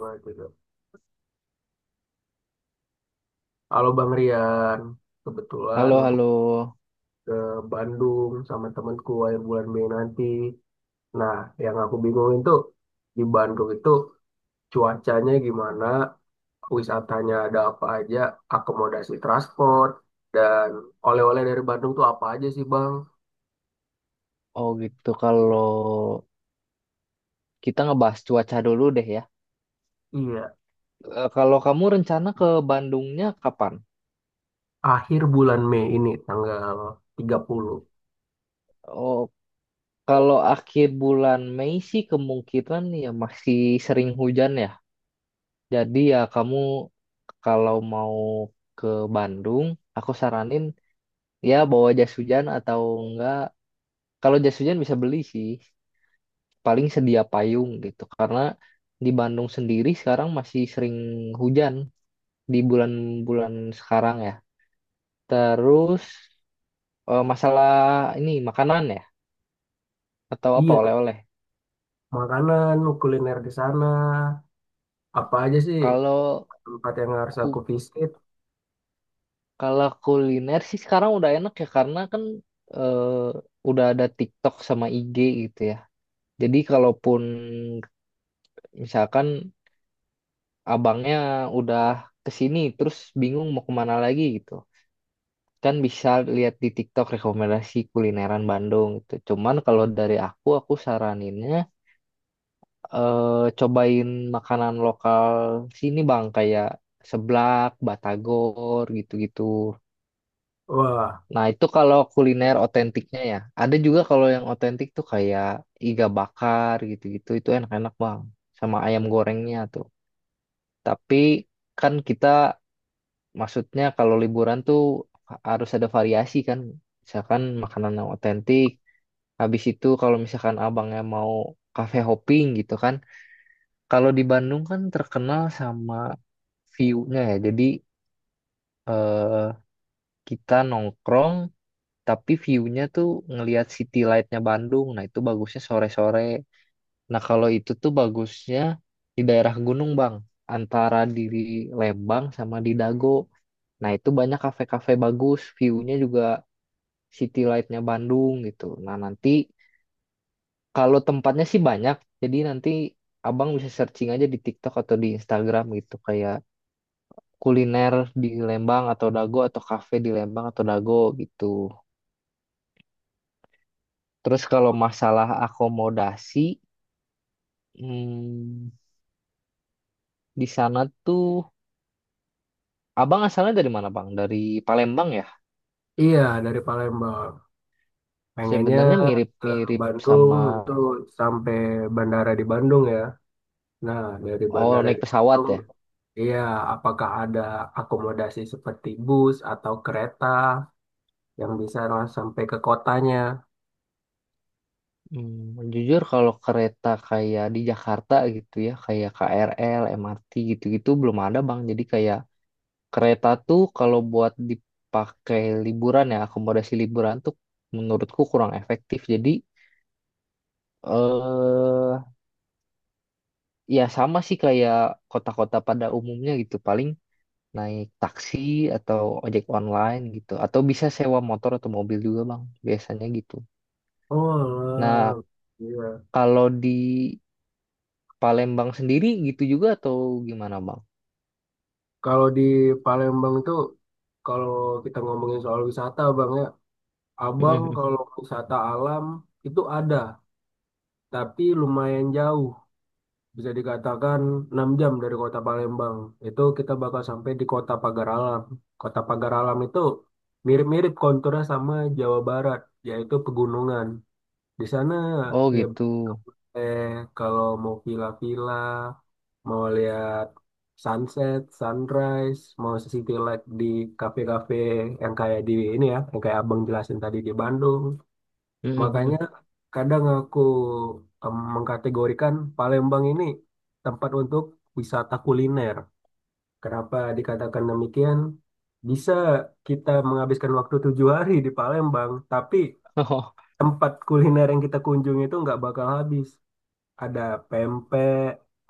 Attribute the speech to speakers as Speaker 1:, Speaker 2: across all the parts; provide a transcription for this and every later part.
Speaker 1: Nah, gitu. Halo Bang Rian, kebetulan
Speaker 2: Halo,
Speaker 1: aku
Speaker 2: halo.
Speaker 1: ke Bandung sama temanku akhir bulan Mei nanti. Nah, yang aku bingungin tuh di Bandung itu cuacanya gimana, wisatanya ada apa aja, akomodasi transport, dan oleh-oleh dari Bandung tuh apa aja sih Bang?
Speaker 2: Oh gitu, kalau kita ngebahas cuaca dulu deh ya.
Speaker 1: Iya,
Speaker 2: Kalau kamu rencana ke Bandungnya kapan?
Speaker 1: akhir bulan Mei ini tanggal 30.
Speaker 2: Oh, kalau akhir bulan Mei sih kemungkinan ya masih sering hujan ya. Jadi ya kamu kalau mau ke Bandung, aku saranin ya bawa jas hujan atau enggak. Kalau jas hujan bisa beli sih, paling sedia payung gitu. Karena di Bandung sendiri sekarang masih sering hujan di bulan-bulan sekarang ya. Terus masalah ini makanan ya atau apa
Speaker 1: Iya,
Speaker 2: oleh-oleh.
Speaker 1: makanan, kuliner di sana, apa aja sih
Speaker 2: Kalau
Speaker 1: tempat yang harus aku
Speaker 2: ku-
Speaker 1: visit?
Speaker 2: Kalau kuliner sih sekarang udah enak ya karena kan eh, udah ada TikTok sama IG gitu ya. Jadi kalaupun misalkan abangnya udah ke sini terus bingung mau kemana lagi gitu. Kan bisa lihat di TikTok rekomendasi kulineran Bandung gitu. Cuman kalau dari aku saraninnya eh cobain makanan lokal sini bang kayak seblak, batagor gitu-gitu.
Speaker 1: Wah.
Speaker 2: Nah itu kalau kuliner otentiknya ya. Ada juga kalau yang otentik tuh kayak iga bakar gitu-gitu itu enak-enak bang. Sama ayam gorengnya tuh. Tapi kan kita maksudnya kalau liburan tuh harus ada variasi kan. Misalkan makanan yang otentik. Habis itu kalau misalkan abangnya mau cafe hopping gitu kan. Kalau di Bandung kan terkenal sama view-nya ya. Jadi eh, kita nongkrong tapi view-nya tuh ngelihat city light-nya Bandung. Nah, itu bagusnya sore-sore. Nah, kalau itu tuh bagusnya di daerah gunung, Bang. Antara di Lembang sama di Dago. Nah, itu banyak kafe-kafe bagus, view-nya juga city light-nya Bandung gitu. Nah, nanti kalau tempatnya sih banyak. Jadi nanti Abang bisa searching aja di TikTok atau di Instagram gitu kayak kuliner di Lembang atau Dago atau kafe di Lembang atau Dago gitu. Terus kalau masalah akomodasi, hmm, di sana tuh Abang asalnya dari mana, Bang? Dari Palembang ya?
Speaker 1: Iya, dari Palembang. Pengennya
Speaker 2: Sebenarnya
Speaker 1: ke
Speaker 2: mirip-mirip
Speaker 1: Bandung
Speaker 2: sama,
Speaker 1: itu sampai bandara di Bandung ya. Nah, dari
Speaker 2: oh
Speaker 1: bandara
Speaker 2: naik
Speaker 1: di
Speaker 2: pesawat
Speaker 1: Bandung,
Speaker 2: ya.
Speaker 1: iya, apakah ada akomodasi seperti bus atau kereta yang bisa langsung sampai ke kotanya?
Speaker 2: Hmm, jujur kalau kereta kayak di Jakarta gitu ya, kayak KRL, MRT gitu-gitu belum ada, Bang. Jadi kayak kereta tuh kalau buat dipakai liburan ya, akomodasi liburan tuh menurutku kurang efektif. Jadi eh ya sama sih kayak kota-kota pada umumnya gitu, paling naik taksi atau ojek online gitu, atau bisa sewa motor atau mobil juga bang, biasanya gitu.
Speaker 1: Oh,
Speaker 2: Nah
Speaker 1: alah. Iya.
Speaker 2: kalau di Palembang sendiri gitu juga atau gimana bang?
Speaker 1: Kalau di Palembang itu, kalau kita ngomongin soal wisata, Bang ya, Abang kalau wisata alam itu ada, tapi lumayan jauh. Bisa dikatakan 6 jam dari kota Palembang. Itu kita bakal sampai di kota Pagar Alam. Kota Pagar Alam itu mirip-mirip konturnya sama Jawa Barat, yaitu pegunungan. Di sana
Speaker 2: Oh
Speaker 1: ya,
Speaker 2: gitu.
Speaker 1: eh, kalau mau villa-villa, mau lihat sunset, sunrise, mau city light di kafe-kafe yang kayak di ini ya, yang kayak Abang jelasin tadi di Bandung. Makanya kadang aku mengkategorikan Palembang ini tempat untuk wisata kuliner. Kenapa dikatakan demikian? Bisa kita menghabiskan waktu 7 hari di Palembang, tapi tempat kuliner yang kita kunjungi itu nggak bakal habis. Ada pempek,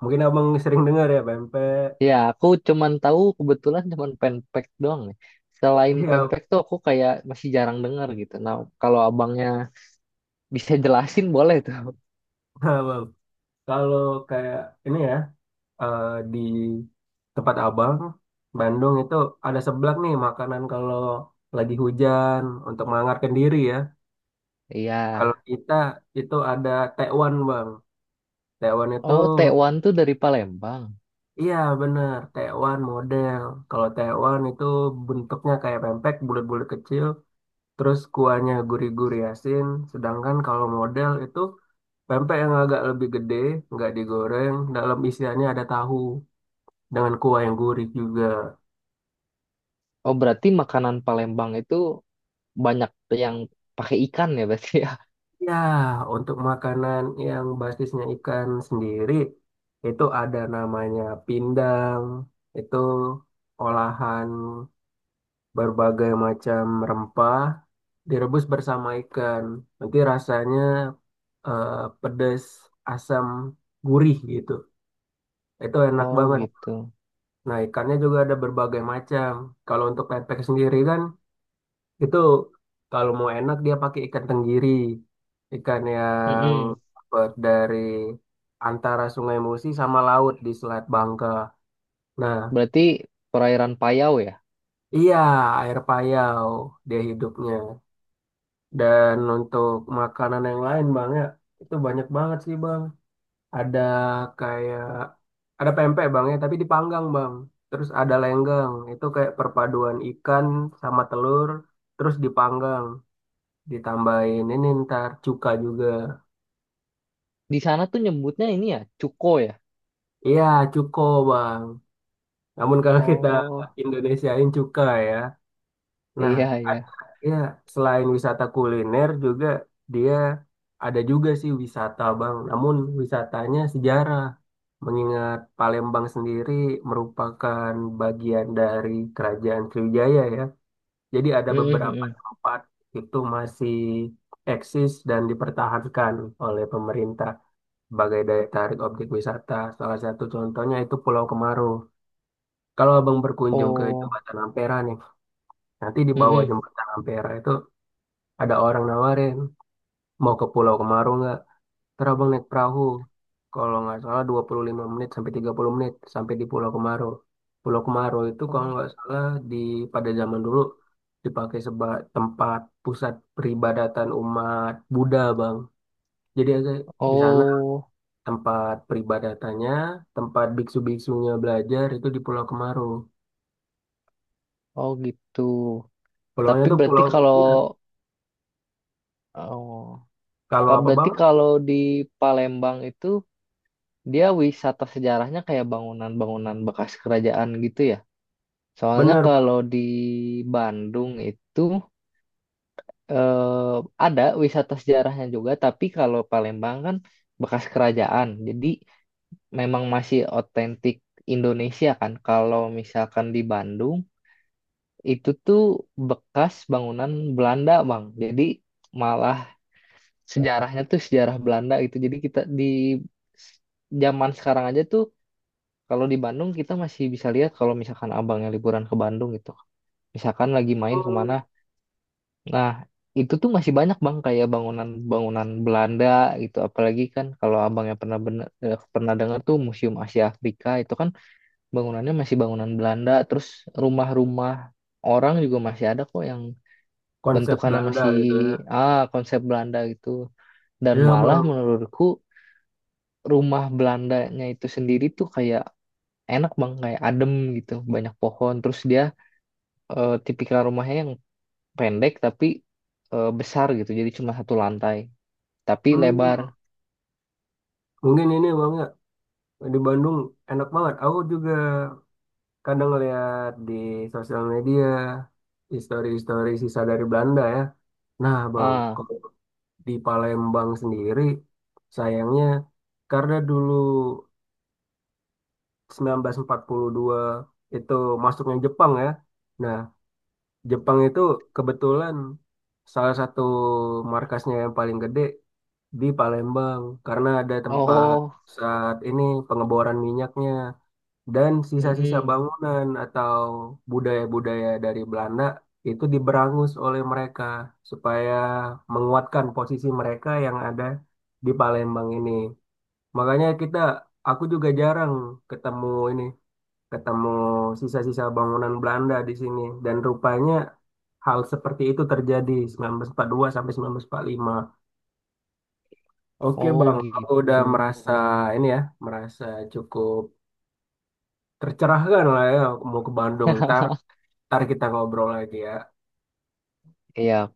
Speaker 1: mungkin abang sering dengar ya pempek.
Speaker 2: Ya, aku cuman tahu kebetulan cuman pempek doang nih. Selain
Speaker 1: Iya,
Speaker 2: pempek tuh aku kayak masih jarang dengar gitu. Nah, kalau abangnya bisa jelasin boleh tuh.
Speaker 1: abang. Kalau kayak ini ya. eh, di tempat abang Bandung itu ada seblak nih makanan kalau lagi hujan untuk menghangatkan diri ya.
Speaker 2: Iya.
Speaker 1: Kalau kita itu ada tekwan bang. Tekwan itu,
Speaker 2: Oh, tekwan tuh dari Palembang.
Speaker 1: iya bener, tekwan model. Kalau tekwan itu bentuknya kayak pempek bulat-bulat kecil. Terus kuahnya gurih-gurih asin. Sedangkan kalau model itu pempek yang agak lebih gede, nggak digoreng. Dalam isiannya ada tahu dengan kuah yang gurih juga.
Speaker 2: Oh, berarti makanan Palembang itu banyak yang pakai ikan ya berarti ya.
Speaker 1: Ya, untuk makanan yang basisnya ikan sendiri, itu ada namanya pindang, itu olahan berbagai macam rempah, direbus bersama ikan. Nanti rasanya eh, pedas, asam, gurih gitu. Itu enak
Speaker 2: Oh,
Speaker 1: banget.
Speaker 2: gitu.
Speaker 1: Nah, ikannya juga ada berbagai macam. Kalau untuk pepek sendiri kan, itu kalau mau enak dia pakai ikan tenggiri. Ikan yang
Speaker 2: Mm-mm.
Speaker 1: dapat dari antara Sungai Musi sama laut di Selat Bangka. Nah,
Speaker 2: Berarti perairan Payau ya.
Speaker 1: iya, air payau dia hidupnya. Dan untuk makanan yang lain Bang ya, itu banyak banget sih Bang. Ada kayak, ada pempek Bang ya, tapi dipanggang Bang. Terus ada lenggang, itu kayak perpaduan ikan sama telur, terus dipanggang, ditambahin ini ntar cuka juga.
Speaker 2: Di sana tuh nyebutnya ini ya, cuko ya.
Speaker 1: Iya, cuko bang. Namun kalau kita
Speaker 2: Oh,
Speaker 1: Indonesiain cuka ya. Nah,
Speaker 2: iya
Speaker 1: ada
Speaker 2: iya.
Speaker 1: ya, selain wisata kuliner juga dia ada juga sih wisata bang. Namun wisatanya sejarah. Mengingat Palembang sendiri merupakan bagian dari Kerajaan Sriwijaya ya. Jadi ada
Speaker 2: Mm-mm,
Speaker 1: beberapa
Speaker 2: mm-mm.
Speaker 1: tempat itu masih eksis dan dipertahankan oleh pemerintah sebagai daya tarik objek wisata. Salah satu contohnya itu Pulau Kemaru. Kalau abang berkunjung ke
Speaker 2: Oh,
Speaker 1: Jembatan Ampera nih, nanti di bawah
Speaker 2: mm-mm.
Speaker 1: Jembatan Ampera itu ada orang nawarin, mau ke Pulau Kemaru nggak? Terabang naik perahu, kalau nggak salah 25 menit sampai 30 menit sampai di Pulau Kemaro. Pulau Kemaro itu kalau
Speaker 2: Oh.
Speaker 1: nggak salah di pada zaman dulu dipakai sebagai tempat pusat peribadatan umat Buddha, Bang. Jadi ada di sana
Speaker 2: Oh.
Speaker 1: tempat peribadatannya, tempat biksu-biksunya belajar itu di Pulau Kemaro.
Speaker 2: Oh gitu.
Speaker 1: Pulaunya
Speaker 2: Tapi
Speaker 1: tuh
Speaker 2: berarti
Speaker 1: pulau,
Speaker 2: kalau,
Speaker 1: iya,
Speaker 2: oh,
Speaker 1: kalau
Speaker 2: kan
Speaker 1: apa
Speaker 2: berarti
Speaker 1: Bang?
Speaker 2: kalau di Palembang itu dia wisata sejarahnya kayak bangunan-bangunan bekas kerajaan gitu ya. Soalnya
Speaker 1: Bener, Bang.
Speaker 2: kalau di Bandung itu eh, ada wisata sejarahnya juga, tapi kalau Palembang kan bekas kerajaan. Jadi memang masih otentik Indonesia kan. Kalau misalkan di Bandung itu tuh bekas bangunan Belanda, Bang. Jadi malah sejarahnya tuh sejarah Belanda gitu. Jadi kita di zaman sekarang aja tuh kalau di Bandung kita masih bisa lihat kalau misalkan abangnya liburan ke Bandung gitu. Misalkan lagi main kemana. Nah, itu tuh masih banyak bang kayak bangunan-bangunan Belanda gitu. Apalagi kan kalau abangnya pernah dengar tuh Museum Asia Afrika itu kan bangunannya masih bangunan Belanda. Terus rumah-rumah orang juga masih ada kok yang
Speaker 1: Konsep
Speaker 2: bentukannya
Speaker 1: Belanda
Speaker 2: masih
Speaker 1: gitu ya.
Speaker 2: ah konsep Belanda gitu dan
Speaker 1: Iya,
Speaker 2: malah
Speaker 1: Bang.
Speaker 2: menurutku rumah Belandanya itu sendiri tuh kayak enak bang kayak adem gitu banyak pohon terus dia tipikal rumahnya yang pendek tapi besar gitu jadi cuma satu lantai tapi lebar
Speaker 1: Hmm, mungkin ini Bang ya. Di Bandung enak banget. Aku juga kadang ngeliat di sosial media histori-histori sisa dari Belanda ya. Nah, Bang,
Speaker 2: ah
Speaker 1: kalau di Palembang sendiri sayangnya karena dulu 1942 itu masuknya Jepang ya. Nah, Jepang itu kebetulan salah satu markasnya yang paling gede di Palembang karena ada tempat
Speaker 2: oh
Speaker 1: saat ini pengeboran minyaknya. Dan sisa-sisa
Speaker 2: mm-mm.
Speaker 1: bangunan atau budaya-budaya dari Belanda itu diberangus oleh mereka supaya menguatkan posisi mereka yang ada di Palembang ini. Makanya kita, aku juga jarang ketemu ini, ketemu sisa-sisa bangunan Belanda di sini. Dan rupanya hal seperti itu terjadi 1942 sampai 1945. Oke
Speaker 2: Oh
Speaker 1: Bang, aku udah
Speaker 2: gitu.
Speaker 1: merasa ini ya, merasa cukup tercerahkan lah ya, aku mau ke Bandung ntar. Ntar kita ngobrol lagi ya.
Speaker 2: Iya.